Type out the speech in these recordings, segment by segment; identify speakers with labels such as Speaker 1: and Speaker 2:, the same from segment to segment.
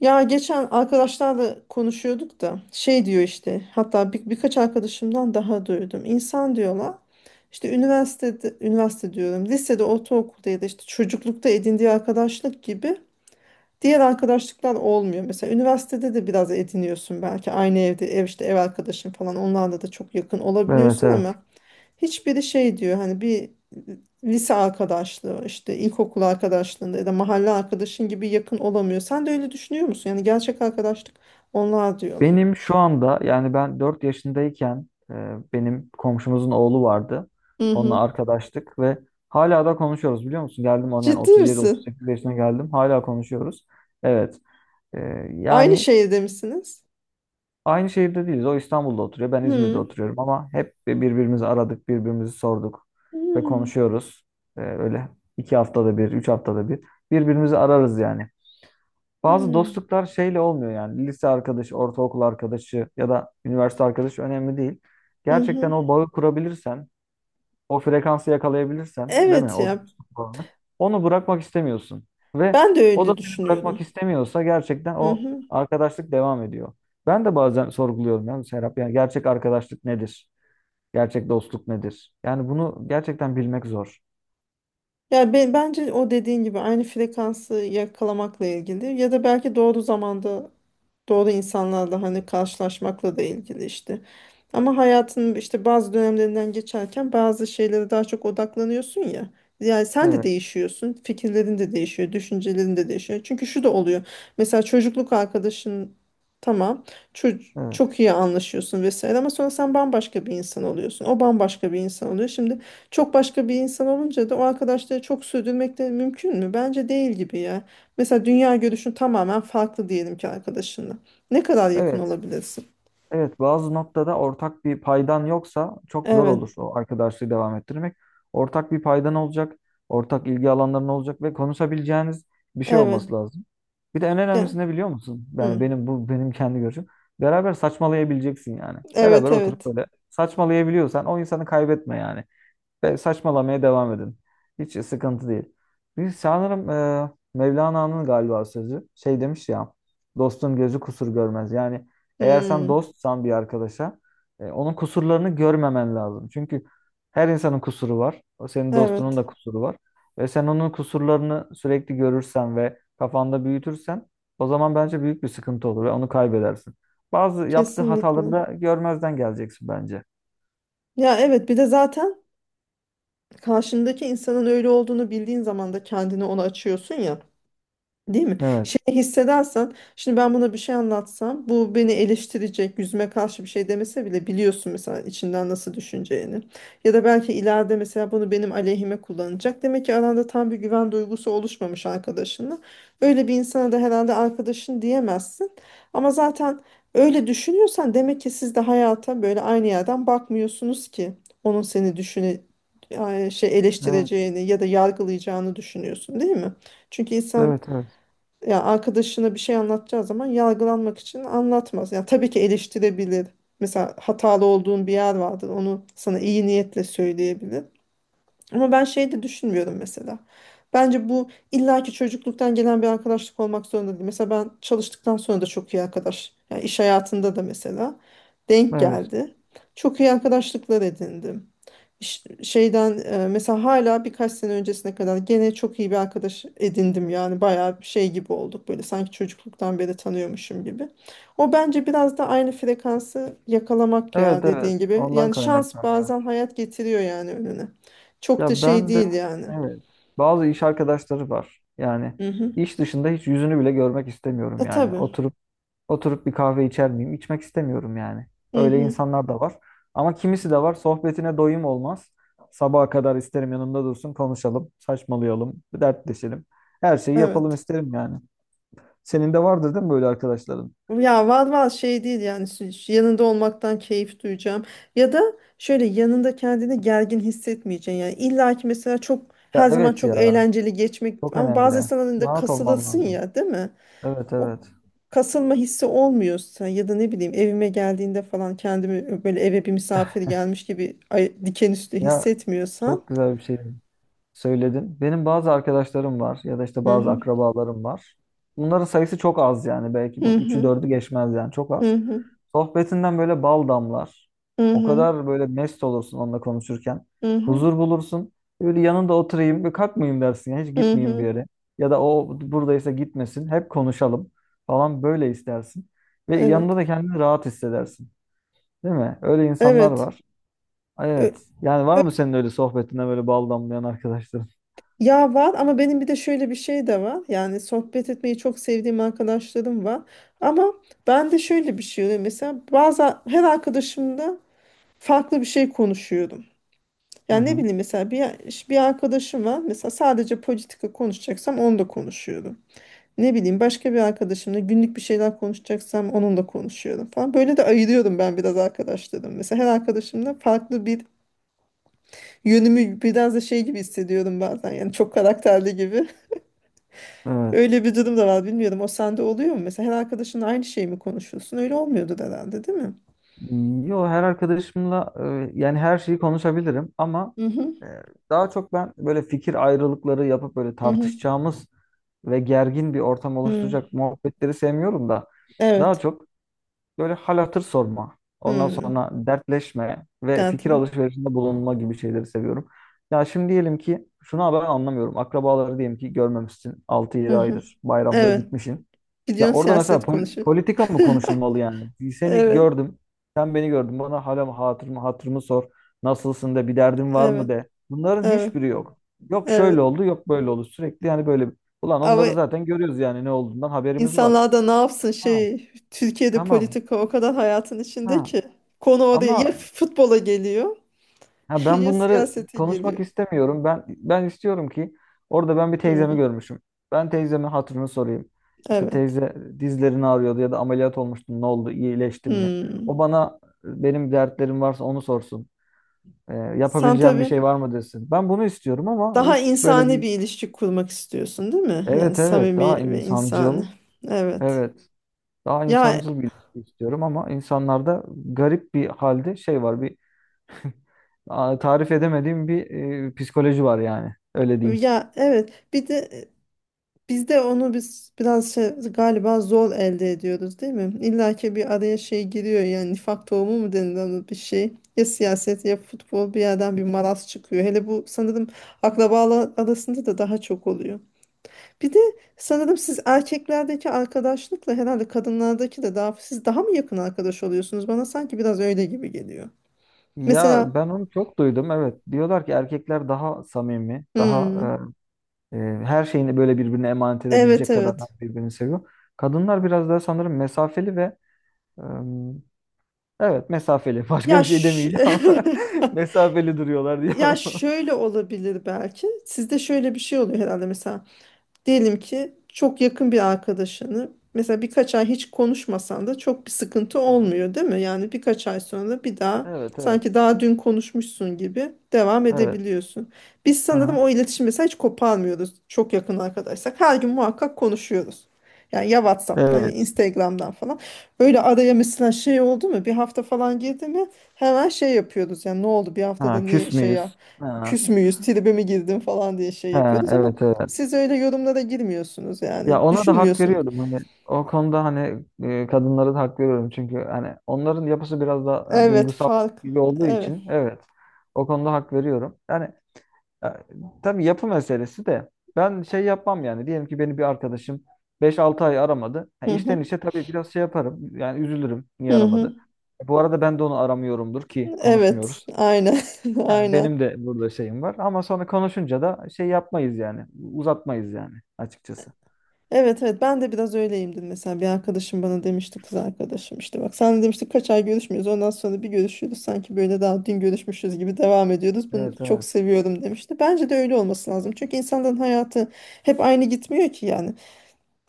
Speaker 1: Ya geçen arkadaşlarla konuşuyorduk da şey diyor işte hatta birkaç arkadaşımdan daha duydum. İnsan diyorlar işte üniversite diyorum lisede ortaokulda ya da işte çocuklukta edindiği arkadaşlık gibi diğer arkadaşlıklar olmuyor. Mesela üniversitede de biraz ediniyorsun belki aynı evde ev arkadaşın falan onlarla da çok yakın
Speaker 2: Evet,
Speaker 1: olabiliyorsun
Speaker 2: evet.
Speaker 1: ama hiçbiri şey diyor hani bir lise arkadaşlığı işte ilkokul arkadaşlığında ya da mahalle arkadaşın gibi yakın olamıyor. Sen de öyle düşünüyor musun? Yani gerçek arkadaşlık onlar diyorlar.
Speaker 2: Benim şu anda yani ben 4 yaşındayken benim komşumuzun oğlu vardı.
Speaker 1: Hı
Speaker 2: Onunla
Speaker 1: hı.
Speaker 2: arkadaştık ve hala da konuşuyoruz, biliyor musun? Geldim onun yani
Speaker 1: Ciddi misin?
Speaker 2: 37-38 yaşına geldim. Hala konuşuyoruz. Evet. E,
Speaker 1: Aynı
Speaker 2: Yani
Speaker 1: şehirde misiniz?
Speaker 2: aynı şehirde değiliz. O İstanbul'da oturuyor. Ben İzmir'de
Speaker 1: Hı.
Speaker 2: oturuyorum ama hep birbirimizi aradık, birbirimizi sorduk ve
Speaker 1: Hı.
Speaker 2: konuşuyoruz. Öyle 2 haftada bir, 3 haftada bir birbirimizi ararız yani. Bazı
Speaker 1: Hı.
Speaker 2: dostluklar şeyle olmuyor yani. Lise arkadaşı, ortaokul arkadaşı ya da üniversite arkadaşı önemli değil.
Speaker 1: Hı
Speaker 2: Gerçekten
Speaker 1: hı.
Speaker 2: o bağı kurabilirsen, o frekansı yakalayabilirsen, değil mi?
Speaker 1: Evet
Speaker 2: O
Speaker 1: ya,
Speaker 2: dostluk bağını. Onu bırakmak istemiyorsun. Ve
Speaker 1: ben de
Speaker 2: o da
Speaker 1: öyle
Speaker 2: seni
Speaker 1: düşünüyorum.
Speaker 2: bırakmak istemiyorsa gerçekten
Speaker 1: Hı
Speaker 2: o
Speaker 1: hı.
Speaker 2: arkadaşlık devam ediyor. Ben de bazen sorguluyorum yani Serap. Yani gerçek arkadaşlık nedir? Gerçek dostluk nedir? Yani bunu gerçekten bilmek zor.
Speaker 1: Ya bence o dediğin gibi aynı frekansı yakalamakla ilgili ya da belki doğru zamanda doğru insanlarla hani karşılaşmakla da ilgili işte. Ama hayatın işte bazı dönemlerinden geçerken bazı şeylere daha çok odaklanıyorsun ya. Yani sen de
Speaker 2: Evet,
Speaker 1: değişiyorsun, fikirlerin de değişiyor, düşüncelerin de değişiyor. Çünkü şu da oluyor. Mesela çocukluk arkadaşın tamam, çok,
Speaker 2: evet,
Speaker 1: çok iyi anlaşıyorsun vesaire ama sonra sen bambaşka bir insan oluyorsun. O bambaşka bir insan oluyor. Şimdi çok başka bir insan olunca da o arkadaşları çok sürdürmek de mümkün mü? Bence değil gibi ya. Mesela dünya görüşün tamamen farklı diyelim ki arkadaşınla. Ne kadar yakın
Speaker 2: evet.
Speaker 1: olabilirsin?
Speaker 2: Evet, bazı noktada ortak bir paydan yoksa çok zor
Speaker 1: Evet,
Speaker 2: olur o arkadaşlığı devam ettirmek. Ortak bir paydan olacak, ortak ilgi alanların olacak ve konuşabileceğiniz bir şey
Speaker 1: evet.
Speaker 2: olması lazım. Bir de en önemlisi
Speaker 1: Ya,
Speaker 2: ne biliyor musun? Yani
Speaker 1: hı.
Speaker 2: benim kendi görüşüm. Beraber saçmalayabileceksin yani. Beraber
Speaker 1: Evet,
Speaker 2: oturup
Speaker 1: evet.
Speaker 2: böyle saçmalayabiliyorsan o insanı kaybetme yani ve saçmalamaya devam edin. Hiç sıkıntı değil. Bir sanırım Mevlana'nın galiba sözü şey demiş ya, dostun gözü kusur görmez. Yani eğer sen
Speaker 1: Hmm,
Speaker 2: dostsan bir arkadaşa onun kusurlarını görmemen lazım. Çünkü her insanın kusuru var. O senin dostunun
Speaker 1: evet,
Speaker 2: da kusuru var. Ve sen onun kusurlarını sürekli görürsen ve kafanda büyütürsen o zaman bence büyük bir sıkıntı olur ve onu kaybedersin. Bazı yaptığı hataları
Speaker 1: kesinlikle.
Speaker 2: da görmezden geleceksin bence.
Speaker 1: Ya evet, bir de zaten karşındaki insanın öyle olduğunu bildiğin zaman da kendini ona açıyorsun ya. Değil mi?
Speaker 2: Evet.
Speaker 1: Şey hissedersen, şimdi ben buna bir şey anlatsam, bu beni eleştirecek, yüzüme karşı bir şey demese bile biliyorsun mesela içinden nasıl düşüneceğini. Ya da belki ileride mesela bunu benim aleyhime kullanacak. Demek ki aranda tam bir güven duygusu oluşmamış arkadaşınla. Öyle bir insana da herhalde arkadaşın diyemezsin. Ama zaten öyle düşünüyorsan demek ki siz de hayata böyle aynı yerden bakmıyorsunuz ki onun seni şey
Speaker 2: Evet.
Speaker 1: eleştireceğini ya da yargılayacağını düşünüyorsun, değil mi? Çünkü insan
Speaker 2: Evet, evet.
Speaker 1: ya arkadaşına bir şey anlatacağı zaman yargılanmak için anlatmaz. Yani tabii ki eleştirebilir. Mesela hatalı olduğun bir yer vardır. Onu sana iyi niyetle söyleyebilir. Ama ben şey de düşünmüyorum mesela. Bence bu illaki çocukluktan gelen bir arkadaşlık olmak zorunda değil. Mesela ben çalıştıktan sonra da çok iyi arkadaş. Yani iş hayatında da mesela denk
Speaker 2: Evet.
Speaker 1: geldi. Çok iyi arkadaşlıklar edindim mesela hala birkaç sene öncesine kadar gene çok iyi bir arkadaş edindim yani bayağı bir şey gibi olduk böyle sanki çocukluktan beri tanıyormuşum gibi. O bence biraz da aynı frekansı yakalamak ya
Speaker 2: Evet, evet.
Speaker 1: dediğin gibi.
Speaker 2: Ondan
Speaker 1: Yani şans
Speaker 2: kaynaklanıyor.
Speaker 1: bazen hayat getiriyor yani önüne. Çok da
Speaker 2: Ya
Speaker 1: şey
Speaker 2: ben de
Speaker 1: değil yani.
Speaker 2: evet. Bazı iş arkadaşları var. Yani
Speaker 1: Hı hı.
Speaker 2: iş dışında hiç yüzünü bile görmek istemiyorum
Speaker 1: E
Speaker 2: yani.
Speaker 1: tabii.
Speaker 2: Oturup oturup bir kahve içer miyim? İçmek istemiyorum yani.
Speaker 1: Hı
Speaker 2: Öyle
Speaker 1: hı.
Speaker 2: insanlar da var. Ama kimisi de var. Sohbetine doyum olmaz. Sabaha kadar isterim yanımda dursun, konuşalım, saçmalayalım, dertleşelim. Her şeyi yapalım
Speaker 1: Evet.
Speaker 2: isterim yani. Senin de vardır değil mi böyle arkadaşların?
Speaker 1: Ya var var şey değil yani şu yanında olmaktan keyif duyacağım. Ya da şöyle yanında kendini gergin hissetmeyeceksin. Yani illa ki mesela çok
Speaker 2: Ya
Speaker 1: her zaman
Speaker 2: evet
Speaker 1: çok
Speaker 2: ya.
Speaker 1: eğlenceli geçmek
Speaker 2: Çok
Speaker 1: ama bazı
Speaker 2: önemli.
Speaker 1: insanların da
Speaker 2: Rahat olman
Speaker 1: kasılasın
Speaker 2: lazım.
Speaker 1: ya değil mi?
Speaker 2: Evet,
Speaker 1: O
Speaker 2: evet.
Speaker 1: kasılma hissi olmuyorsa ya da ne bileyim evime geldiğinde falan kendimi böyle eve bir misafir gelmiş gibi diken üstü
Speaker 2: Ya,
Speaker 1: hissetmiyorsan.
Speaker 2: çok güzel bir şey söyledin. Benim bazı arkadaşlarım var ya da işte
Speaker 1: Hı
Speaker 2: bazı
Speaker 1: hı.
Speaker 2: akrabalarım var. Bunların sayısı çok az yani. Belki
Speaker 1: Hı
Speaker 2: bu üçü
Speaker 1: hı.
Speaker 2: dördü geçmez yani çok
Speaker 1: Hı
Speaker 2: az.
Speaker 1: hı.
Speaker 2: Sohbetinden böyle bal damlar.
Speaker 1: Hı
Speaker 2: O
Speaker 1: hı.
Speaker 2: kadar böyle mest olursun onunla konuşurken.
Speaker 1: Hı hı.
Speaker 2: Huzur bulursun. Böyle yanında oturayım, bir kalkmayayım dersin. Yani hiç
Speaker 1: Hı
Speaker 2: gitmeyeyim bir
Speaker 1: hı.
Speaker 2: yere. Ya da o buradaysa gitmesin. Hep konuşalım falan böyle istersin. Ve yanında
Speaker 1: Evet.
Speaker 2: da kendini rahat hissedersin. Değil mi? Öyle insanlar
Speaker 1: Evet.
Speaker 2: var.
Speaker 1: Ö-
Speaker 2: Evet. Yani var mı senin öyle sohbetine böyle bal damlayan arkadaşların?
Speaker 1: Ya var ama benim bir de şöyle bir şey de var. Yani sohbet etmeyi çok sevdiğim arkadaşlarım var. Ama ben de şöyle bir şey oluyor. Mesela bazı her arkadaşımla farklı bir şey konuşuyorum.
Speaker 2: Hı
Speaker 1: Yani ne
Speaker 2: hı.
Speaker 1: bileyim mesela bir arkadaşım var. Mesela sadece politika konuşacaksam onu da konuşuyorum. Ne bileyim başka bir arkadaşımla günlük bir şeyler konuşacaksam onunla konuşuyorum falan. Böyle de ayırıyorum ben biraz arkadaşlarım. Mesela her arkadaşımla farklı bir yönümü biraz da şey gibi hissediyorum bazen. Yani çok karakterli gibi.
Speaker 2: Evet.
Speaker 1: Öyle bir durum da var bilmiyorum. O sende oluyor mu? Mesela her arkadaşınla aynı şeyi mi konuşuyorsun? Öyle olmuyordu herhalde, değil mi?
Speaker 2: Yo, her arkadaşımla yani her şeyi konuşabilirim ama
Speaker 1: Hı hı.
Speaker 2: e, daha çok ben böyle fikir ayrılıkları yapıp böyle
Speaker 1: Hı hı.
Speaker 2: tartışacağımız ve gergin bir ortam
Speaker 1: Hı.
Speaker 2: oluşturacak muhabbetleri sevmiyorum da daha
Speaker 1: Evet.
Speaker 2: çok böyle hal hatır sorma. Ondan
Speaker 1: Hı.
Speaker 2: sonra dertleşme ve fikir
Speaker 1: Dertli.
Speaker 2: alışverişinde bulunma gibi şeyleri seviyorum. Ya şimdi diyelim ki şunu ben anlamıyorum. Akrabaları diyelim ki görmemişsin altı
Speaker 1: Hı
Speaker 2: yedi
Speaker 1: hı.
Speaker 2: aydır. Bayramda
Speaker 1: Evet.
Speaker 2: gitmişsin. Ya
Speaker 1: Gidiyorsun
Speaker 2: orada mesela
Speaker 1: siyaset konuşuyor.
Speaker 2: politika mı konuşulmalı yani? Seni
Speaker 1: Evet.
Speaker 2: gördüm. Sen beni gördün. Bana hala mı hatırımı sor. Nasılsın de, bir derdin var mı
Speaker 1: Evet.
Speaker 2: de. Bunların
Speaker 1: Evet.
Speaker 2: hiçbiri yok. Yok şöyle
Speaker 1: Evet.
Speaker 2: oldu, yok böyle oldu. Sürekli yani böyle. Ulan
Speaker 1: Ama
Speaker 2: onları zaten görüyoruz yani ne olduğundan haberimiz var.
Speaker 1: insanlar da ne yapsın
Speaker 2: Ha,
Speaker 1: şey Türkiye'de
Speaker 2: tamam.
Speaker 1: politika o kadar hayatın içinde
Speaker 2: Ha.
Speaker 1: ki konu oraya
Speaker 2: Ama
Speaker 1: ya futbola geliyor
Speaker 2: ha, ben
Speaker 1: ya
Speaker 2: bunları
Speaker 1: siyasete
Speaker 2: konuşmak
Speaker 1: geliyor.
Speaker 2: istemiyorum. Ben istiyorum ki orada ben bir teyzemi
Speaker 1: Hı.
Speaker 2: görmüşüm. Ben teyzemin hatırını sorayım. İşte
Speaker 1: Evet.
Speaker 2: teyze dizlerini ağrıyordu ya da ameliyat olmuştu. Ne oldu? İyileştin mi?
Speaker 1: Hı.
Speaker 2: O bana, benim dertlerim varsa onu sorsun.
Speaker 1: Sen
Speaker 2: Yapabileceğim bir
Speaker 1: tabii
Speaker 2: şey var mı desin. Ben bunu istiyorum ama
Speaker 1: daha
Speaker 2: hiç böyle
Speaker 1: insani
Speaker 2: bir
Speaker 1: bir ilişki kurmak istiyorsun, değil mi? Yani
Speaker 2: evet, evet,
Speaker 1: samimi
Speaker 2: daha
Speaker 1: ve
Speaker 2: insancıl,
Speaker 1: insani. Evet.
Speaker 2: evet daha
Speaker 1: Ya
Speaker 2: insancıl bir ilişki istiyorum ama insanlarda garip bir halde şey var. Bir tarif edemediğim bir psikoloji var yani. Öyle diyeyim.
Speaker 1: ya evet. Bir de biz de onu biraz şey, galiba zor elde ediyoruz, değil mi? İlla ki bir araya şey giriyor yani nifak tohumu mu denilen bir şey. Ya siyaset ya futbol bir yerden bir maraz çıkıyor. Hele bu sanırım akrabalar arasında da daha çok oluyor. Bir de sanırım siz erkeklerdeki arkadaşlıkla herhalde kadınlardaki de daha siz daha mı yakın arkadaş oluyorsunuz? Bana sanki biraz öyle gibi geliyor.
Speaker 2: Ya
Speaker 1: Mesela
Speaker 2: ben onu çok duydum. Evet. Diyorlar ki erkekler daha samimi, daha
Speaker 1: hmm,
Speaker 2: e, e, her şeyini böyle birbirine emanet
Speaker 1: evet
Speaker 2: edebilecek kadar
Speaker 1: evet.
Speaker 2: birbirini seviyor. Kadınlar biraz daha sanırım mesafeli ve e, evet mesafeli. Başka bir
Speaker 1: Ya
Speaker 2: şey
Speaker 1: ş-
Speaker 2: demeyeceğim ama mesafeli duruyorlar
Speaker 1: ya
Speaker 2: diyorum.
Speaker 1: şöyle olabilir belki. Sizde şöyle bir şey oluyor herhalde mesela diyelim ki çok yakın bir arkadaşını mesela birkaç ay hiç konuşmasan da çok bir sıkıntı
Speaker 2: Aha.
Speaker 1: olmuyor değil mi? Yani birkaç ay sonra bir daha
Speaker 2: Evet, evet.
Speaker 1: sanki daha dün konuşmuşsun gibi devam
Speaker 2: Evet.
Speaker 1: edebiliyorsun. Biz sanırım
Speaker 2: Aha.
Speaker 1: o iletişim mesela hiç koparmıyoruz çok yakın arkadaşsak. Her gün muhakkak konuşuyoruz. Yani ya WhatsApp'tan ya
Speaker 2: Evet.
Speaker 1: Instagram'dan falan. Böyle araya mesela şey oldu mu bir hafta falan girdi mi hemen şey yapıyoruz. Yani ne oldu bir haftada
Speaker 2: Ha,
Speaker 1: niye
Speaker 2: küs
Speaker 1: şey ya
Speaker 2: müyüz? Ha.
Speaker 1: küs müyüz tribe mi girdin falan diye şey
Speaker 2: Ha,
Speaker 1: yapıyoruz ama
Speaker 2: evet, evet.
Speaker 1: siz öyle yorumlara girmiyorsunuz
Speaker 2: Ya
Speaker 1: yani.
Speaker 2: ona da hak
Speaker 1: Düşünmüyorsun.
Speaker 2: veriyorum hani o konuda hani kadınlara da hak veriyorum çünkü hani onların yapısı biraz da yani
Speaker 1: Evet
Speaker 2: duygusal
Speaker 1: fark.
Speaker 2: gibi olduğu
Speaker 1: Evet.
Speaker 2: için, evet, o konuda hak veriyorum. Yani e, tabii yapı meselesi de ben şey yapmam yani diyelim ki beni bir arkadaşım 5-6 ay aramadı. Ha,
Speaker 1: Hı hı.
Speaker 2: işten işe tabii biraz şey yaparım yani üzülürüm niye
Speaker 1: Hı hı.
Speaker 2: aramadı. Bu arada ben de onu aramıyorumdur ki
Speaker 1: Evet.
Speaker 2: konuşmuyoruz.
Speaker 1: Aynen.
Speaker 2: Ha,
Speaker 1: Aynen.
Speaker 2: benim de burada şeyim var ama sonra konuşunca da şey yapmayız yani, uzatmayız yani açıkçası.
Speaker 1: Evet evet ben de biraz öyleyimdir mesela bir arkadaşım bana demişti kız arkadaşım işte bak sen demiştik kaç ay görüşmüyoruz ondan sonra bir görüşüyoruz sanki böyle daha dün görüşmüşüz gibi devam ediyoruz bunu
Speaker 2: Evet,
Speaker 1: çok
Speaker 2: evet.
Speaker 1: seviyorum demişti. Bence de öyle olması lazım çünkü insanların hayatı hep aynı gitmiyor ki yani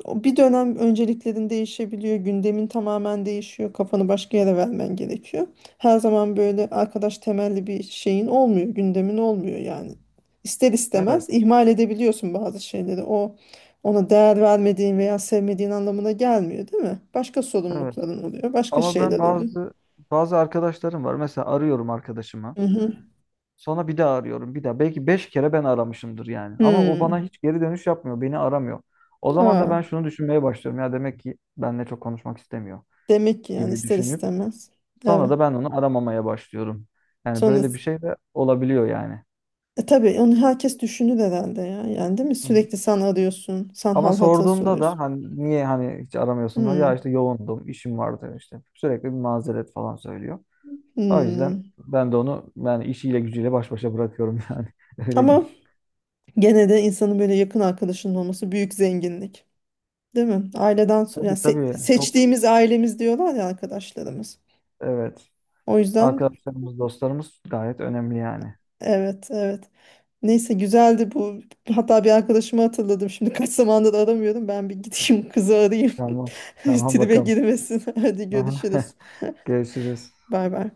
Speaker 1: o bir dönem önceliklerin değişebiliyor, gündemin tamamen değişiyor, kafanı başka yere vermen gerekiyor. Her zaman böyle arkadaş temelli bir şeyin olmuyor, gündemin olmuyor yani. İster
Speaker 2: Evet.
Speaker 1: istemez ihmal edebiliyorsun bazı şeyleri. O ona değer vermediğin veya sevmediğin anlamına gelmiyor, değil mi? Başka
Speaker 2: Evet.
Speaker 1: sorumlulukların oluyor, başka
Speaker 2: Ama ben
Speaker 1: şeyler oluyor.
Speaker 2: bazı arkadaşlarım var. Mesela arıyorum arkadaşımı.
Speaker 1: Hı hı.
Speaker 2: Sonra bir daha arıyorum bir daha. Belki 5 kere ben aramışımdır yani. Ama o bana
Speaker 1: Hmm.
Speaker 2: hiç geri dönüş yapmıyor. Beni aramıyor. O zaman da
Speaker 1: Aa,
Speaker 2: ben şunu düşünmeye başlıyorum. Ya demek ki benimle çok konuşmak istemiyor
Speaker 1: demek ki yani
Speaker 2: gibi
Speaker 1: ister
Speaker 2: düşünüp
Speaker 1: istemez.
Speaker 2: sonra
Speaker 1: Evet.
Speaker 2: da ben onu aramamaya başlıyorum. Yani
Speaker 1: Sonra
Speaker 2: böyle bir şey de olabiliyor yani.
Speaker 1: E tabii onu herkes düşünür herhalde ya. Yani değil mi?
Speaker 2: Hı hı.
Speaker 1: Sürekli sen arıyorsun. Sen
Speaker 2: Ama
Speaker 1: hal hatır
Speaker 2: sorduğumda da
Speaker 1: soruyorsun.
Speaker 2: hani niye hani hiç aramıyorsun? Ya
Speaker 1: Hmm,
Speaker 2: işte yoğundum, işim vardı işte. Sürekli bir mazeret falan söylüyor. O yüzden
Speaker 1: hmm.
Speaker 2: ben de onu yani işiyle gücüyle baş başa bırakıyorum yani. Öyle
Speaker 1: Ama
Speaker 2: değil.
Speaker 1: gene de insanın böyle yakın arkadaşının olması büyük zenginlik. Değil mi? Aileden
Speaker 2: Tabii,
Speaker 1: yani
Speaker 2: tabii, çok
Speaker 1: seçtiğimiz ailemiz diyorlar ya arkadaşlarımız.
Speaker 2: evet.
Speaker 1: O yüzden
Speaker 2: Arkadaşlarımız, dostlarımız gayet önemli yani.
Speaker 1: evet evet. Neyse güzeldi bu. Hatta bir arkadaşımı hatırladım. Şimdi kaç zamandır aramıyorum. Ben bir gideyim kızı arayayım.
Speaker 2: Tamam. Tamam
Speaker 1: Tribe
Speaker 2: bakalım.
Speaker 1: girmesin. Hadi
Speaker 2: Aha.
Speaker 1: görüşürüz.
Speaker 2: Görüşürüz.
Speaker 1: Bay bay.